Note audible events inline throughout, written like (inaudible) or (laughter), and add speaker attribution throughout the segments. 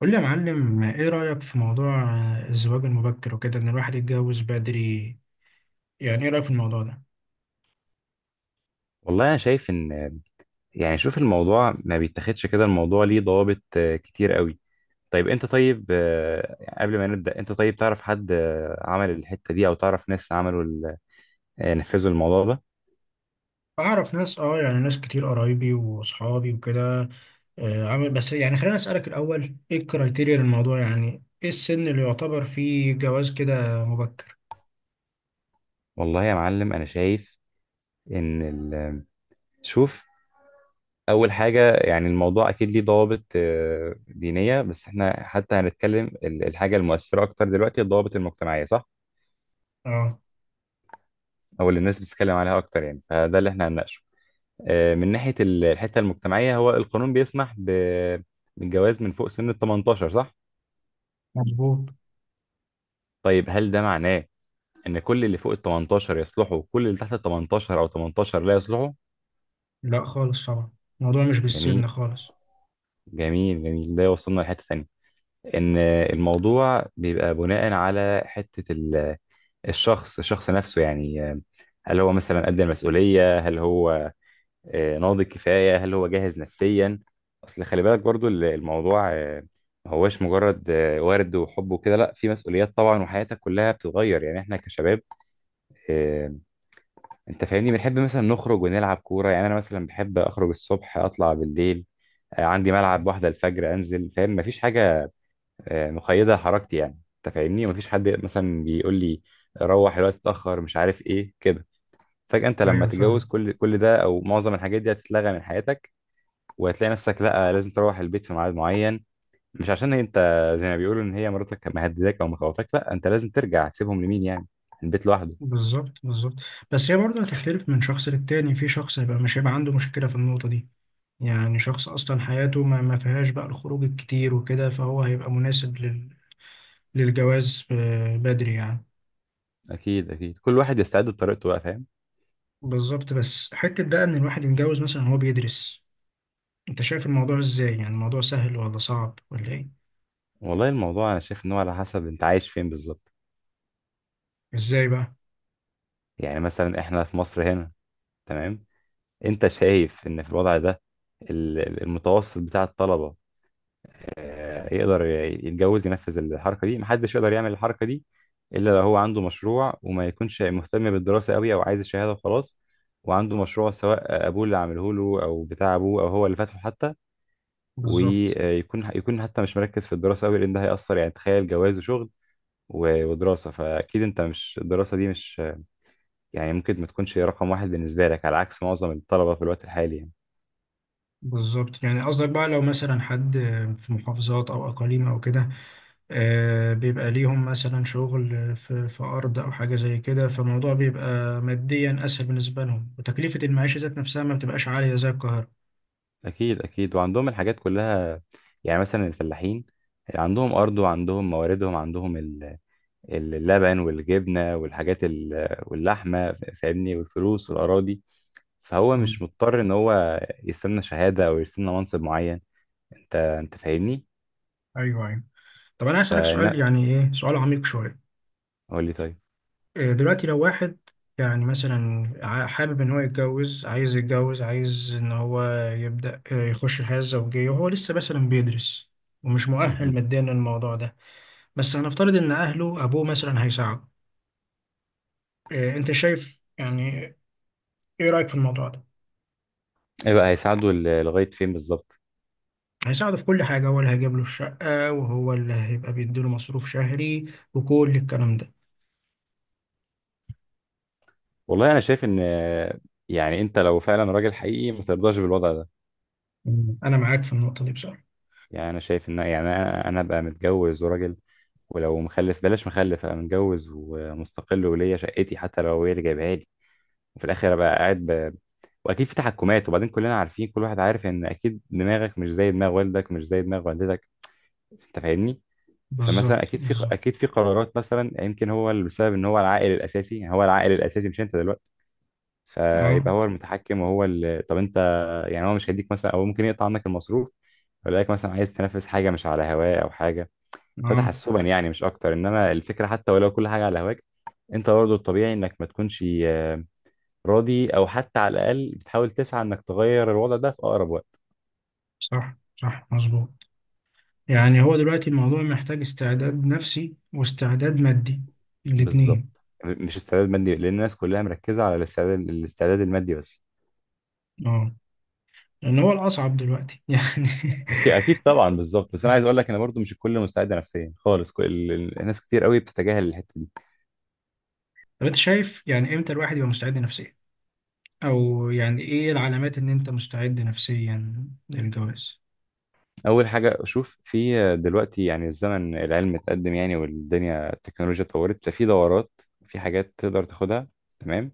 Speaker 1: قول لي يا معلم، ايه رأيك في موضوع الزواج المبكر وكده، ان الواحد يتجوز بدري؟ يعني ايه رأيك في الموضوع ده؟
Speaker 2: والله انا شايف ان يعني شوف الموضوع ما بيتاخدش كده. الموضوع ليه ضوابط كتير قوي. طيب انت طيب، قبل ما نبدأ، انت طيب تعرف حد عمل الحتة دي او تعرف ناس عملوا ال- آه، نفذوا الموضوع ده؟
Speaker 1: اعرف ناس، يعني ناس كتير، قرايبي واصحابي وكده. عامل. بس يعني خلينا اسألك الاول، ايه الكرايتيريا للموضوع؟ يعني ايه السن اللي يعتبر فيه جواز كده مبكر؟
Speaker 2: والله يا معلم انا شايف ان ال- شوف، اول حاجة يعني الموضوع اكيد ليه ضوابط دينية، بس احنا حتى هنتكلم الحاجة المؤثرة اكتر دلوقتي، الضوابط المجتمعية، صح؟
Speaker 1: اه،
Speaker 2: او اللي الناس بتتكلم عليها اكتر يعني، فده اللي احنا هنناقشه. من ناحية الحتة المجتمعية، هو القانون بيسمح بالجواز من فوق سن ال 18، صح؟
Speaker 1: مظبوط.
Speaker 2: طيب هل ده معناه إن كل اللي فوق ال 18 يصلحوا وكل اللي تحت ال 18 أو 18 لا يصلحوا؟
Speaker 1: لا خالص طبعا، الموضوع مش بالسن
Speaker 2: جميل.
Speaker 1: خالص.
Speaker 2: جميل جميل، ده يوصلنا لحتة تانية. إن الموضوع بيبقى بناء على حتة الشخص نفسه. يعني هل هو مثلا قد المسؤولية؟ هل هو ناضج كفاية؟ هل هو جاهز نفسيا؟ اصل خلي بالك برضو الموضوع ما هوش مجرد ورد وحب وكده، لا، في مسؤوليات طبعا، وحياتك كلها بتتغير. يعني احنا كشباب، آه، انت فاهمني، بنحب مثلا نخرج ونلعب كورة. يعني انا مثلا بحب اخرج الصبح اطلع بالليل، عندي ملعب واحدة الفجر انزل، فاهم، مفيش حاجة مقيدة حركتي يعني. انت فاهمني، مفيش حد مثلا بيقول لي روح الوقت اتأخر مش عارف ايه كده. فجأة انت لما
Speaker 1: ايوه
Speaker 2: تتجوز،
Speaker 1: فاهم.
Speaker 2: كل ده او معظم الحاجات دي هتتلغى من حياتك. وهتلاقي نفسك لا، لازم تروح البيت في ميعاد معين. مش عشان انت زي ما بيقولوا ان هي مراتك مهدداك او مخوفاك، لا، انت لازم ترجع. تسيبهم لمين يعني، البيت لوحده؟
Speaker 1: بالظبط، بالظبط. بس هي برضه هتختلف من شخص للتاني، في شخص مش هيبقى عنده مشكلة في النقطة دي. يعني شخص أصلا حياته ما فيهاش بقى الخروج الكتير وكده، فهو هيبقى مناسب للجواز بدري يعني.
Speaker 2: اكيد اكيد، كل واحد يستعد بطريقته بقى، فاهم.
Speaker 1: بالظبط. بس حتة بقى إن الواحد يتجوز مثلا وهو بيدرس، أنت شايف الموضوع إزاي؟ يعني الموضوع سهل ولا صعب ولا إيه؟
Speaker 2: والله الموضوع انا شايف ان هو على حسب انت عايش فين بالظبط.
Speaker 1: إزاي بقى؟
Speaker 2: يعني مثلا احنا في مصر هنا، تمام. انت شايف ان في الوضع ده، المتوسط بتاع الطلبة يقدر يتجوز ينفذ الحركة دي؟ محدش يقدر يعمل الحركة دي إلا لو هو عنده مشروع، وما يكونش مهتم بالدراسة قوي أو عايز الشهادة وخلاص، وعنده مشروع سواء أبوه اللي عامله له أو بتاع أبوه أو هو اللي فاتحه حتى.
Speaker 1: بالظبط،
Speaker 2: ويكون حتى مش مركز في الدراسة قوي، لأن ده هيأثر. يعني تخيل جواز وشغل ودراسة، فأكيد أنت مش، الدراسة دي مش، يعني ممكن ما تكونش رقم واحد بالنسبة لك، على عكس معظم الطلبة في الوقت الحالي يعني.
Speaker 1: بالظبط. يعني قصدك بقى لو مثلا حد في محافظات أو أقاليم أو كده، بيبقى ليهم مثلا شغل في أرض أو حاجة زي كده، فالموضوع بيبقى ماديا أسهل بالنسبة لهم، وتكلفة المعيشة ذات نفسها ما بتبقاش عالية زي القاهرة.
Speaker 2: اكيد اكيد، وعندهم الحاجات كلها. يعني مثلا الفلاحين عندهم ارض وعندهم مواردهم، عندهم اللبن والجبنه والحاجات واللحمه، فاهمني، والفلوس والاراضي. فهو
Speaker 1: مم.
Speaker 2: مش مضطر ان هو يستنى شهاده او يستنى منصب معين. انت فاهمني.
Speaker 1: ايوه، ايوه. طب انا هسألك سؤال،
Speaker 2: فانا،
Speaker 1: يعني ايه سؤال عميق شويه.
Speaker 2: قول لي طيب.
Speaker 1: إيه دلوقتي لو واحد، يعني مثلا حابب ان هو يتجوز، عايز يتجوز، عايز ان هو يبدأ، يخش الحياه الزوجيه وهو لسه مثلا بيدرس ومش مؤهل
Speaker 2: مهم.
Speaker 1: ماديا للموضوع ده، بس هنفترض ان اهله ابوه مثلا هيساعده. إيه انت شايف يعني؟ ايه رأيك في الموضوع ده؟
Speaker 2: ايه بقى هيساعده لغايه فين بالظبط؟
Speaker 1: هيساعده في كل حاجه، هو اللي هيجيب له الشقه وهو اللي هيبقى بيديله مصروف شهري، وكل الكلام ده.
Speaker 2: والله انا شايف ان، يعني انت لو فعلا راجل حقيقي ما ترضاش بالوضع ده.
Speaker 1: مم. انا معاك في النقطه دي بصراحه.
Speaker 2: يعني انا شايف ان، يعني انا ابقى متجوز وراجل، ولو مخلف بلاش مخلف، ابقى متجوز ومستقل وليا شقتي حتى لو هي اللي جايبها لي. وفي الاخر ابقى قاعد ب... واكيد في تحكمات. وبعدين كلنا عارفين، كل واحد عارف ان اكيد دماغك مش زي دماغ والدك مش زي دماغ والدتك. انت فاهمني. فمثلا
Speaker 1: بالظبط،
Speaker 2: اكيد في
Speaker 1: بالظبط.
Speaker 2: اكيد في قرارات مثلا، يمكن هو اللي بسبب ان هو العائل الاساسي. يعني هو العائل الاساسي مش انت دلوقتي، فيبقى
Speaker 1: اه،
Speaker 2: هو المتحكم وهو اللي، طب انت. يعني هو مش هيديك مثلا، او ممكن يقطع عنك المصروف ويلاقيك مثلا عايز تنافس حاجه مش على هواه او حاجه. ده
Speaker 1: اه.
Speaker 2: تحسبا يعني، مش اكتر. انما الفكره، حتى ولو كل حاجه على هواك، انت برضه الطبيعي انك ما تكونش راضي، او حتى على الاقل بتحاول تسعى انك تغير الوضع ده في اقرب وقت.
Speaker 1: صح، صح، مظبوط. يعني هو دلوقتي الموضوع محتاج استعداد نفسي واستعداد مادي، الاتنين.
Speaker 2: بالظبط. مش استعداد مادي، لان الناس كلها مركزه على الاستعداد المادي بس.
Speaker 1: اه، لان هو الاصعب دلوقتي (laughs) يعني.
Speaker 2: اكيد اكيد طبعا، بالظبط. بس انا عايز اقول لك انا برضو مش الكل مستعد نفسيا خالص. كل الناس كتير قوي بتتجاهل الحته دي.
Speaker 1: طب انت شايف يعني امتى الواحد يبقى مستعد نفسيا؟ او يعني ايه العلامات ان انت مستعد نفسيا للجواز؟
Speaker 2: اول حاجه اشوف في دلوقتي، يعني الزمن، العلم اتقدم يعني، والدنيا، التكنولوجيا اتطورت، ففي دورات، في حاجات تقدر تاخدها، تمام.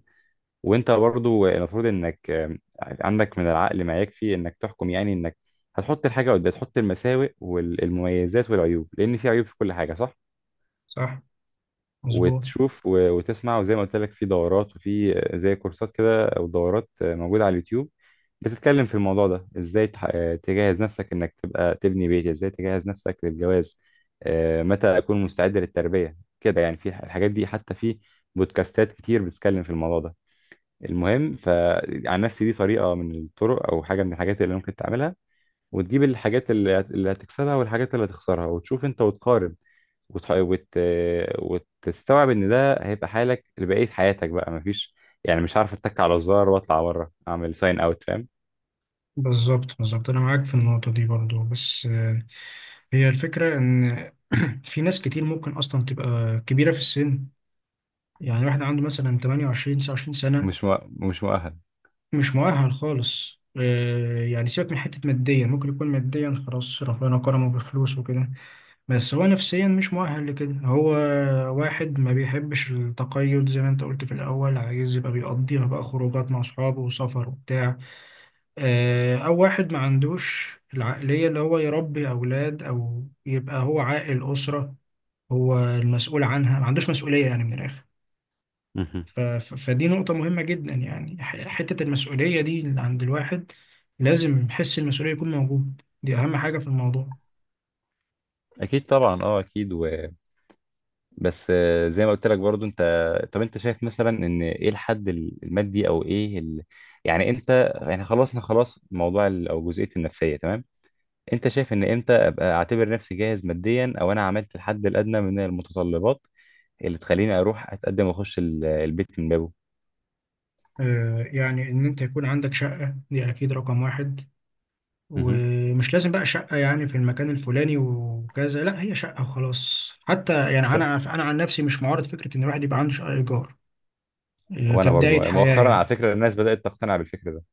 Speaker 2: وانت برضو المفروض انك، عندك من العقل ما يكفي انك تحكم. يعني انك هتحط الحاجه قدام، تحط المساوئ والمميزات والعيوب، لان في عيوب في كل حاجه، صح.
Speaker 1: صح، مظبوط.
Speaker 2: وتشوف وتسمع، وزي ما قلت لك، في دورات وفي زي كورسات كده او دورات موجوده على اليوتيوب بتتكلم في الموضوع ده. ازاي تجهز نفسك انك تبقى تبني بيت، ازاي تجهز نفسك للجواز، متى اكون مستعد للتربيه كده يعني. في الحاجات دي حتى في بودكاستات كتير بتتكلم في الموضوع ده. المهم، فعن نفسي دي طريقه من الطرق او حاجه من الحاجات اللي ممكن تعملها. وتجيب الحاجات اللي هتكسبها والحاجات اللي هتخسرها، وتشوف انت وتقارن، وت... وت... وتستوعب ان ده هيبقى حالك لبقية حياتك بقى. مفيش يعني، مش عارف، اتك على الزرار واطلع بره اعمل ساين اوت، فاهم.
Speaker 1: بالظبط، بالظبط. انا معاك في النقطة دي برضو، بس. هي الفكرة ان (clears throat) في ناس كتير ممكن اصلا تبقى كبيرة في السن، يعني واحد عنده مثلا 28، 29 سنة،
Speaker 2: مش مؤهل.
Speaker 1: مش مؤهل خالص. يعني سيبك من حتة ماديا، ممكن يكون ماديا خلاص ربنا كرمه بفلوس وكده، بس هو نفسيا مش مؤهل لكده. هو واحد ما بيحبش التقيد، زي ما انت قلت في الأول، عايز يبقى بيقضيها بقى خروجات مع أصحابه وسفر وبتاع. أو واحد ما عندوش العقلية اللي هو يربي أولاد، أو يبقى هو عاقل أسرة هو المسؤول عنها. ما عندوش مسؤولية يعني من الآخر.
Speaker 2: مهم.
Speaker 1: فدي نقطة مهمة جدا، يعني حتة المسؤولية دي اللي عند الواحد، لازم حس المسؤولية يكون موجود، دي أهم حاجة في الموضوع.
Speaker 2: اكيد طبعا، اه اكيد و... بس زي ما قلت لك برضو انت. طب انت شايف مثلا ان ايه الحد المادي، او ايه ال... يعني انت، يعني خلصنا خلاص موضوع ال... او جزئية النفسية، تمام. انت شايف ان امتى ابقى اعتبر نفسي جاهز ماديا، او انا عملت الحد الادنى من المتطلبات اللي تخليني اروح اتقدم واخش البيت من بابه؟
Speaker 1: يعني إن أنت يكون عندك شقة دي أكيد رقم واحد،
Speaker 2: مهم.
Speaker 1: ومش لازم بقى شقة يعني في المكان الفلاني وكذا. لا، هي شقة وخلاص. حتى يعني أنا عن نفسي مش معارض فكرة إن الواحد يبقى عنده شقة إيجار
Speaker 2: وانا برضو
Speaker 1: كبداية حياة
Speaker 2: مؤخرا، على
Speaker 1: يعني.
Speaker 2: فكره، الناس بدات تقتنع بالفكر ده.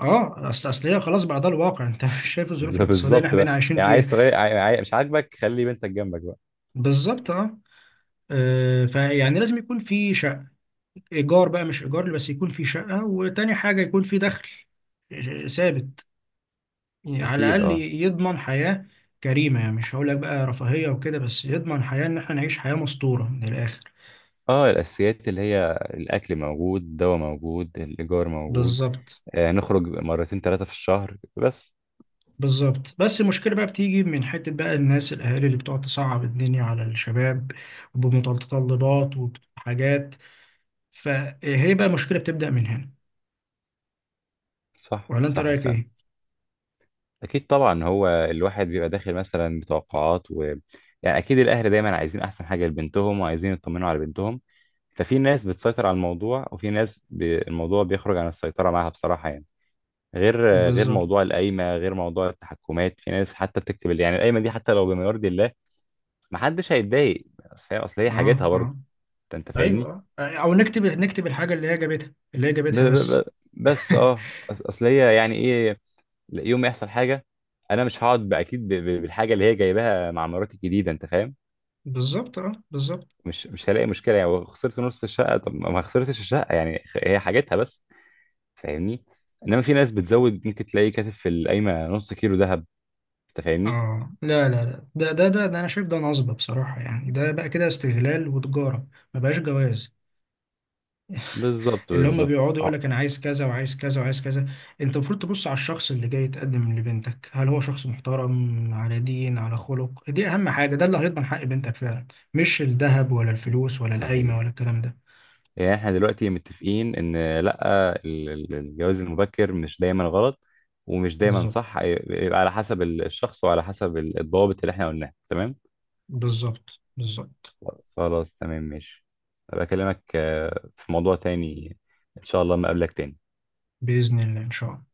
Speaker 1: اه، اصل هي خلاص بقى، ده الواقع. انت (laughs) مش شايف الظروف الاقتصاديه اللي
Speaker 2: بالظبط
Speaker 1: احنا بقينا
Speaker 2: بقى.
Speaker 1: عايشين
Speaker 2: يعني
Speaker 1: فيها.
Speaker 2: عايز تغير، مش عاجبك، خلي بنتك جنبك بقى.
Speaker 1: بالظبط، اه. فيعني لازم يكون في شقه، ايجار بقى مش ايجار بس يكون في شقه. وتاني حاجه يكون في دخل ثابت، يعني على
Speaker 2: اكيد.
Speaker 1: الاقل
Speaker 2: اه
Speaker 1: يضمن حياه كريمه. يعني مش هقول لك بقى رفاهيه وكده، بس يضمن حياه ان احنا نعيش حياه مستوره من الاخر.
Speaker 2: اه، الاساسيات، اللي هي الاكل موجود، الدواء موجود، الايجار موجود،
Speaker 1: بالظبط،
Speaker 2: آه نخرج مرتين ثلاثه في الشهر بس.
Speaker 1: بالظبط. بس المشكله بقى بتيجي من حته بقى الناس، الاهالي اللي بتقعد تصعب الدنيا على الشباب بمتطلبات وحاجات، فهي بقى مشكله بتبدا من هنا.
Speaker 2: صح
Speaker 1: ولا انت
Speaker 2: صح
Speaker 1: رايك
Speaker 2: فعلا.
Speaker 1: ايه؟
Speaker 2: اكيد طبعا، هو الواحد بيبقى داخل مثلا بتوقعات و... يعني اكيد الاهل دايما عايزين احسن حاجه لبنتهم وعايزين يطمنوا على بنتهم. ففي ناس بتسيطر على الموضوع، وفي ناس بي... الموضوع بيخرج عن السيطره معاها بصراحه يعني. غير غير
Speaker 1: بالظبط،
Speaker 2: موضوع القايمه، غير موضوع التحكمات. في ناس حتى بتكتب، اللي يعني القايمه دي حتى لو بما يرضي الله، ما حدش هيتضايق. اصل فاهم، اصل هي حاجتها
Speaker 1: اه،
Speaker 2: برضه.
Speaker 1: اه.
Speaker 2: انت فاهمني.
Speaker 1: ايوه، او نكتب الحاجه اللي هي جابتها اللي هي
Speaker 2: ب
Speaker 1: جابتها
Speaker 2: ب
Speaker 1: بس.
Speaker 2: ب بس
Speaker 1: (laughs)
Speaker 2: اه، اصل هي يعني ايه، يوم ما يحصل حاجه انا مش هقعد باكيد بالحاجه اللي هي جايباها مع مراتي الجديده، انت فاهم.
Speaker 1: بالظبط، اه، بالظبط.
Speaker 2: مش هلاقي مشكله. يعني خسرت نص الشقه، طب ما خسرتش الشقه يعني، هي حاجتها بس، فاهمني. انما في ناس بتزود، ممكن تلاقي كاتب في القايمه نص كيلو ذهب، انت فاهمني.
Speaker 1: اه، لا لا لا، ده انا شايف ده نصب بصراحه، يعني ده بقى كده استغلال وتجاره، ما بقاش جواز.
Speaker 2: بالظبط
Speaker 1: اللي هم
Speaker 2: بالظبط.
Speaker 1: بيقعدوا يقول لك انا عايز كذا وعايز كذا وعايز كذا. انت المفروض تبص على الشخص اللي جاي يتقدم لبنتك، هل هو شخص محترم، على دين، على خلق؟ دي اهم حاجه، ده اللي هيضمن حق بنتك فعلا، مش الذهب ولا الفلوس ولا القايمه ولا
Speaker 2: صحيح.
Speaker 1: الكلام ده.
Speaker 2: يعني احنا دلوقتي متفقين ان لا، الجواز المبكر مش دايما غلط ومش دايما
Speaker 1: بالظبط،
Speaker 2: صح. يبقى على حسب الشخص وعلى حسب الضوابط اللي احنا قلناها، تمام.
Speaker 1: بالظبط، بالظبط.
Speaker 2: خلاص تمام، ماشي. أبقى اكلمك في موضوع تاني ان شاء الله. ما قبلك تاني.
Speaker 1: باذن الله، ان شاء الله.